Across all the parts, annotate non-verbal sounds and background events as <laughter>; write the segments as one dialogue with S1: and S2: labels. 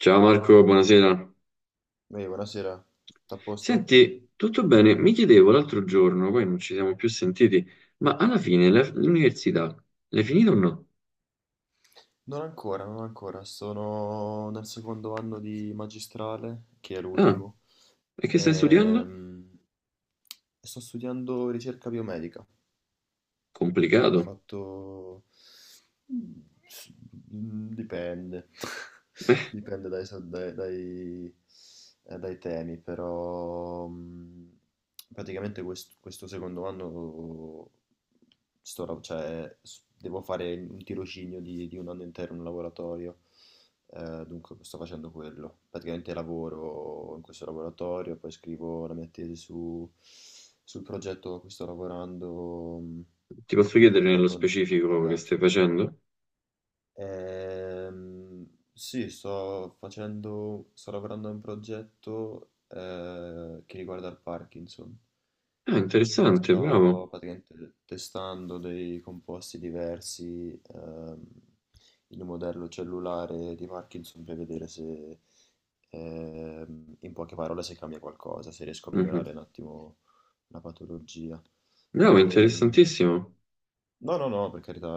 S1: Ciao Marco, buonasera.
S2: Ehi, buonasera, tutto a posto?
S1: Senti, tutto bene? Mi chiedevo l'altro giorno, poi non ci siamo più sentiti, ma alla fine l'università l'hai finita o no?
S2: Non ancora, non ancora, sono nel secondo anno di magistrale, che è
S1: Ah,
S2: l'ultimo.
S1: e che stai studiando?
S2: ehm, e sto studiando ricerca biomedica. Ho
S1: Complicato.
S2: fatto... s- Dipende, <laughs>
S1: Eh,
S2: dipende dai, so- dai- dai- dai temi, però praticamente questo secondo anno cioè, devo fare un tirocinio di un anno intero in un laboratorio. Dunque sto facendo quello. Praticamente lavoro in questo laboratorio, poi scrivo la mia tesi sul progetto a cui sto lavorando.
S1: Ti posso chiedere nello
S2: Purtroppo non
S1: specifico che
S2: pagato.
S1: stai facendo?
S2: Ehm, sì, sto lavorando a un progetto che riguarda il Parkinson.
S1: Ah, interessante, bravo.
S2: Sto praticamente testando dei composti diversi, ehm, in un modello cellulare di Parkinson per vedere se, in poche parole, se cambia qualcosa, se riesco a
S1: Mhm.
S2: migliorare un attimo la patologia.
S1: Bravo,
S2: Ehm,
S1: interessantissimo.
S2: No, no, no, per carità,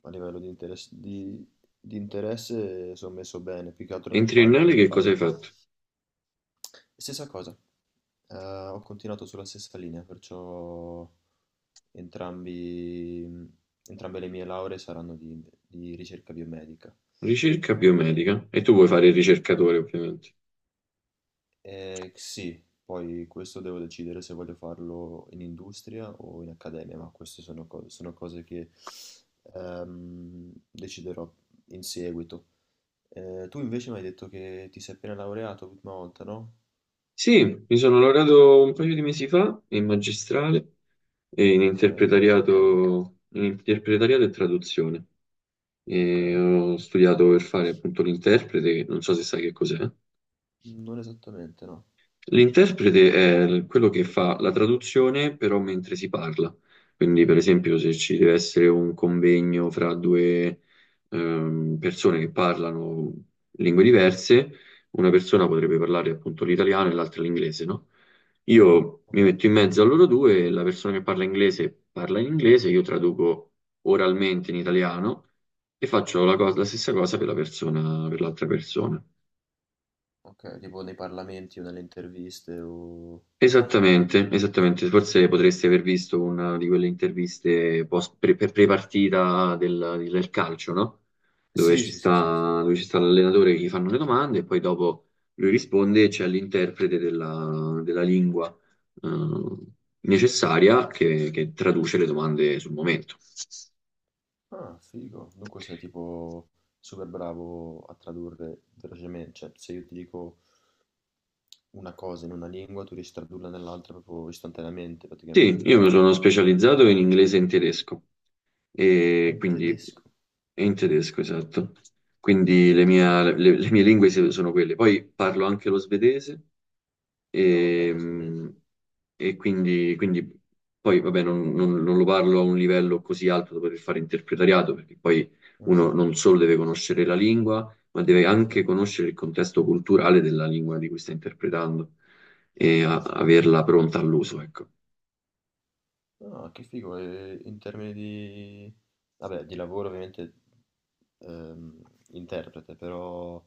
S2: a livello di interesse, di interesse sono messo bene, più che altro
S1: E in triennale
S2: non mi
S1: che cosa hai
S2: pagano.
S1: fatto?
S2: Stessa cosa, ho continuato sulla stessa linea, perciò entrambi, entrambe le mie lauree saranno di ricerca biomedica.
S1: Ricerca biomedica.
S2: E
S1: E tu vuoi fare il ricercatore, ovviamente.
S2: Sì, poi questo devo decidere se voglio farlo in industria o in accademia, ma queste sono cose che deciderò in seguito. Tu invece mi hai detto che ti sei appena laureato l'ultima volta, no?
S1: Sì, mi sono laureato un paio di mesi fa in magistrale, e
S2: Ok, che tema?
S1: in interpretariato e traduzione.
S2: Ok,
S1: E ho studiato per fare appunto l'interprete, che non so se sai che cos'è.
S2: non esattamente, no.
S1: L'interprete è quello che fa la traduzione, però mentre si parla. Quindi, per esempio, se ci deve essere un convegno fra due persone che parlano lingue diverse, una persona potrebbe parlare appunto l'italiano e l'altra l'inglese, no? Io mi
S2: Ok,
S1: metto in mezzo a loro due, la persona che parla inglese parla in inglese, io traduco oralmente in italiano e faccio la stessa cosa per la persona, per l'altra persona.
S2: ok, tipo nei parlamenti o nelle interviste o...
S1: Esattamente, esattamente. Forse
S2: eh,
S1: potresti aver visto una di quelle interviste post, pre-partita del calcio, no?
S2: Sì, sì, sì, sì, sì.
S1: Dove ci sta l'allenatore che gli fanno le domande e poi dopo lui risponde e c'è l'interprete della lingua eh, necessaria che traduce le domande sul momento.
S2: Ah, figo. Dunque sei tipo super bravo a tradurre velocemente. Cioè, se io ti dico una cosa in una lingua, tu riesci a tradurla nell'altra proprio istantaneamente,
S1: Sì,
S2: praticamente.
S1: io mi
S2: Cioè,
S1: sono specializzato in inglese e in tedesco.
S2: ah,
S1: E
S2: in
S1: quindi
S2: tedesco.
S1: è in tedesco, esatto. Quindi
S2: Mm, ok.
S1: le mie lingue sono quelle. Poi parlo anche lo svedese
S2: No, vabbè,
S1: e,
S2: lo svedese.
S1: e quindi poi vabbè, non lo parlo a un livello così alto da poter fare interpretariato, perché poi uno
S2: Mm,
S1: non solo deve conoscere la lingua, ma deve
S2: sì,
S1: anche conoscere il contesto culturale della lingua di cui sta interpretando e
S2: certo, certo.
S1: averla pronta all'uso, ecco.
S2: Ah, che figo, e in termini di... Vabbè, di lavoro ovviamente, ehm, interprete. Però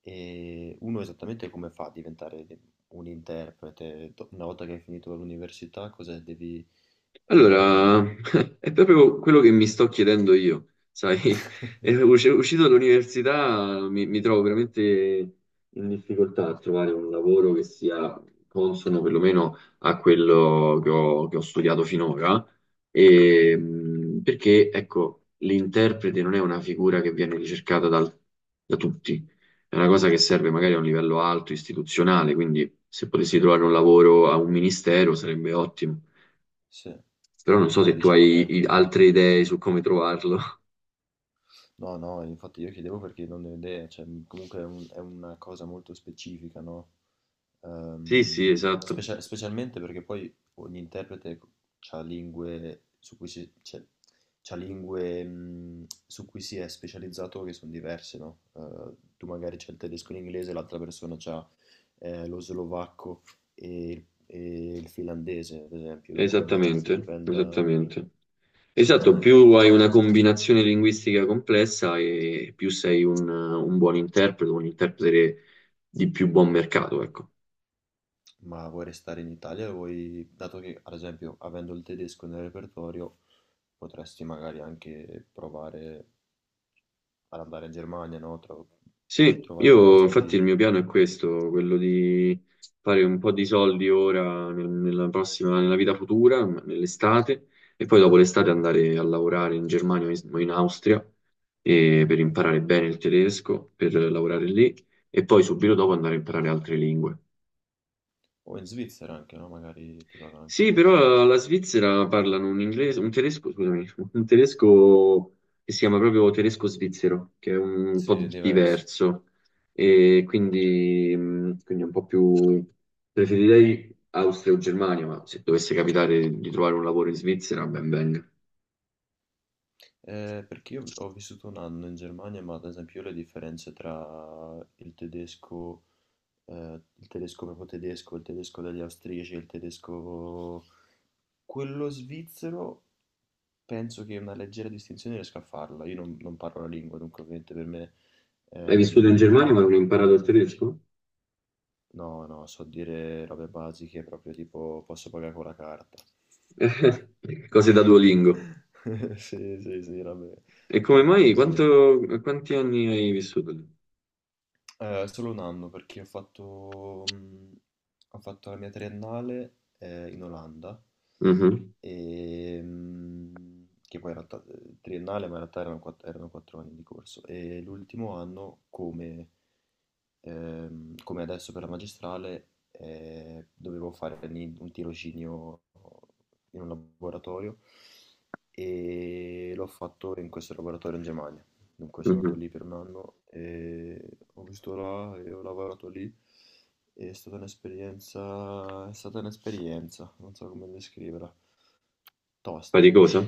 S2: uno esattamente come fa a diventare un interprete? Do- una volta che hai finito l'università, cos'è? Devi... ehm,
S1: Allora, <laughs> è proprio quello che mi sto chiedendo io, sai, <laughs> è
S2: <laughs>
S1: uscito dall'università mi trovo veramente in difficoltà a trovare un lavoro che sia consono perlomeno a quello che ho studiato finora.
S2: Ok,
S1: E, perché ecco, l'interprete non è una figura che viene ricercata da tutti, è una cosa che serve magari a un livello alto, istituzionale, quindi se potessi trovare un lavoro a un ministero sarebbe ottimo.
S2: sì.
S1: Però non so
S2: Beh,
S1: se tu
S2: diciamo che
S1: hai altre
S2: anche...
S1: idee su come trovarlo. <laughs>
S2: No, no, infatti io chiedevo perché non ne ho idea, cioè comunque è una cosa molto specifica, no?
S1: Sì, sì, esatto,
S2: Specialmente perché poi ogni interprete ha lingue su cui si, cioè, c'ha lingue, su cui si è specializzato che sono diverse, no? Tu magari c'è il tedesco e l'inglese, l'altra persona c'ha lo slovacco e il finlandese, ad esempio, dunque immagino che
S1: esattamente,
S2: dipenda,
S1: esattamente. Esatto,
S2: dipenda anche da
S1: più hai
S2: questo.
S1: una combinazione linguistica complessa e più sei un buon interprete, un interprete di più buon mercato, ecco.
S2: Ma vuoi restare in Italia o vuoi, dato che ad esempio avendo il tedesco nel repertorio, potresti magari anche provare ad andare in Germania, no?
S1: Sì,
S2: Trovare
S1: io
S2: qualcosa
S1: infatti
S2: lì,
S1: il mio piano è questo, quello di fare un po' di soldi ora nella prossima, nella vita futura, nell'estate, e poi dopo l'estate andare a lavorare in Germania o in Austria per
S2: ok?
S1: imparare bene il tedesco, per lavorare lì, e poi subito dopo andare a imparare altre lingue.
S2: O in Svizzera anche, no? Magari ti pagano anche
S1: Sì,
S2: meglio.
S1: però la Svizzera parlano un inglese, un tedesco, scusami, un tedesco che si chiama proprio tedesco svizzero, che è un
S2: Sì,
S1: po'
S2: è diverso.
S1: diverso e quindi è un po' più preferirei Austria o Germania, ma se dovesse capitare di trovare un lavoro in Svizzera, ben venga.
S2: Perché io ho vissuto un anno in Germania, ma ad esempio io le differenze tra il tedesco proprio tedesco, il tedesco degli austriaci, il tedesco quello svizzero, penso che una leggera distinzione riesca a farla. Io non parlo la lingua, dunque ovviamente per me
S1: Hai vissuto in
S2: ehm,
S1: Germania
S2: è,
S1: ma non hai
S2: è
S1: imparato il
S2: difficile.
S1: tedesco?
S2: No, no, so dire robe basiche, proprio tipo posso pagare con la carta.
S1: <laughs> Cose da Duolingo.
S2: <laughs> Sì, sì, sì, robe,
S1: E come
S2: robe
S1: mai?
S2: così.
S1: Quanti anni hai vissuto lì?
S2: Solo un anno perché ho fatto la mia triennale in Olanda,
S1: Mhm,
S2: e, che poi in realtà triennale, ma in realtà erano 4 anni di corso. E l'ultimo anno, come come adesso per la magistrale, dovevo fare lì un tirocinio in un laboratorio e l'ho fatto in questo laboratorio in Germania. Dunque sono andato
S1: mhm.
S2: lì per un anno e ho visto là e ho lavorato lì. È stata un'esperienza, non so come descriverla, tosta. <laughs>
S1: Faticosa?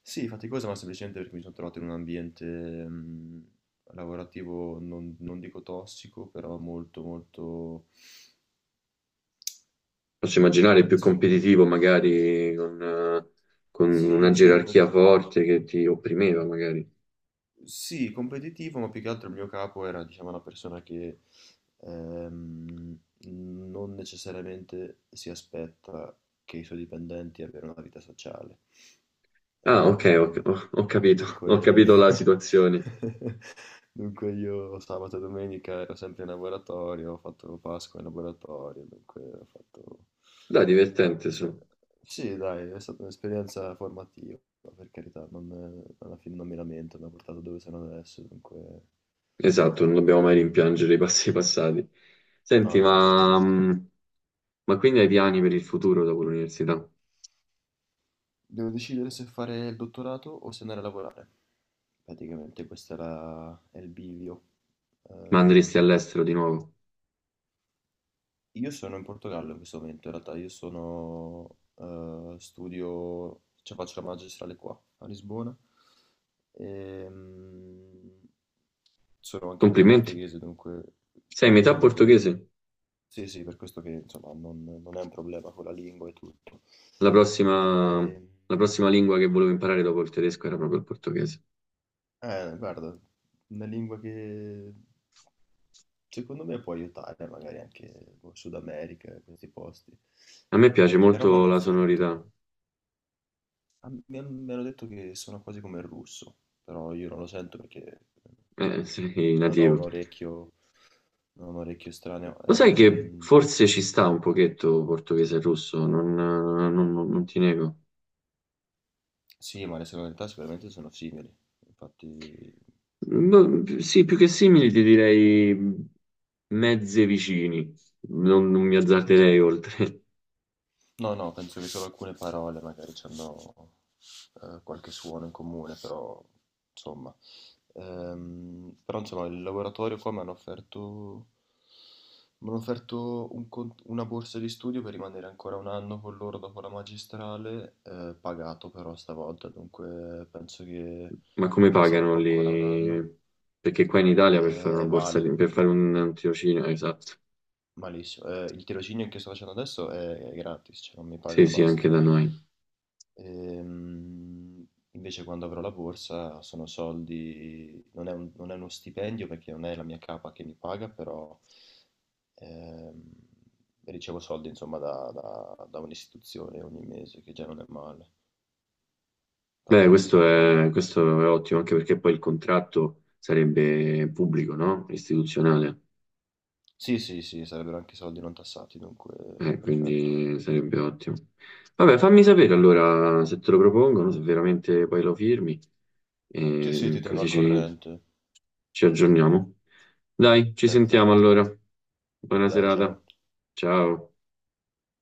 S2: Sì, faticosa, ma semplicemente perché mi sono trovato in un ambiente lavorativo, non dico tossico, però molto, molto,
S1: Posso immaginare più
S2: insomma,
S1: competitivo magari con una
S2: sì, sì,
S1: gerarchia forte che ti opprimeva magari.
S2: sì, competitivo, ma più che altro il mio capo era, diciamo, una persona che ehm, non necessariamente si aspetta che i suoi dipendenti abbiano una vita sociale.
S1: Ah, ok,
S2: Ehm,
S1: ho capito, <laughs> ho
S2: Dunque
S1: capito la situazione.
S2: <laughs> dunque io sabato e domenica ero sempre in laboratorio, ho fatto Pasqua in laboratorio, dunque ho fatto...
S1: Dai, divertente,
S2: è
S1: su.
S2: sta- Sì, dai, è stata un'esperienza formativa, per carità, non, alla fine non mi lamento, mi ha portato dove sono adesso, dunque...
S1: Esatto, non dobbiamo mai
S2: ehm,
S1: rimpiangere i passi <laughs> passati.
S2: no,
S1: Senti,
S2: no,
S1: ma,
S2: esatto.
S1: mh, ma quindi hai piani per il futuro dopo l'università?
S2: Devo decidere se fare il dottorato o se andare a lavorare. Praticamente questo era è il bivio.
S1: Ma andresti
S2: Ehm,
S1: all'estero di nuovo?
S2: Io sono in Portogallo in questo momento, in realtà cioè faccio la magistrale qua a Lisbona. Ehm, Sono anche metà
S1: Complimenti.
S2: portoghese, dunque
S1: Sei metà
S2: diciamo che
S1: portoghese.
S2: sì, sì, per questo che insomma non è un problema con la lingua e tutto. Ehm,
S1: La prossima lingua che volevo imparare dopo il tedesco era proprio il portoghese.
S2: Guarda, una lingua che secondo me può aiutare magari anche, boh, Sud America, questi posti.
S1: A me piace
S2: Però mi
S1: molto
S2: hanno
S1: la
S2: offerto.
S1: sonorità,
S2: Ah, mi hanno detto che sono quasi come il russo, però io non lo sento perché eh,
S1: <laughs> sei
S2: non ho
S1: nativo.
S2: un orecchio, non ho un orecchio estraneo.
S1: Lo sai che forse ci sta un pochetto portoghese e russo, non ti nego.
S2: Sì, ma le sonorità sicuramente sono simili, infatti...
S1: Ma, sì, più che simili ti direi mezze vicini, non mi azzarderei oltre.
S2: No, no, penso che solo alcune parole magari ci hanno qualche suono in comune, però insomma. Però insomma, il laboratorio qua mi hanno offerto una borsa di studio per rimanere ancora un anno con loro dopo la magistrale, pagato però stavolta, dunque penso che
S1: <laughs> Ma come
S2: sarò
S1: pagano
S2: qua ancora un anno.
S1: lì? Perché qua in Italia per fare una borsa,
S2: Male,
S1: per fare un tirocinio, esatto.
S2: malissimo. Il tirocinio che sto facendo adesso è gratis, cioè non mi
S1: Sì,
S2: pagano e
S1: sì,
S2: basta.
S1: anche da noi.
S2: Ehm, Invece quando avrò la borsa sono soldi, non è uno stipendio perché non è la mia capa che mi paga, però ehm, ricevo soldi insomma da un'istituzione ogni mese, che già non è male.
S1: Beh,
S2: Infatti vediamo.
S1: questo è ottimo, anche perché poi il contratto sarebbe pubblico, no? Istituzionale.
S2: Sì, sì, sì, sarebbero anche soldi non tassati, dunque perfetto.
S1: Quindi sarebbe ottimo. Vabbè, fammi sapere allora se te lo propongono, se veramente poi lo firmi,
S2: Sì, sì,
S1: e
S2: ti tengo al corrente.
S1: ci aggiorniamo. Dai, ci sentiamo
S2: Perfetto.
S1: allora. Buona
S2: Dai,
S1: serata.
S2: ciao.
S1: Ciao.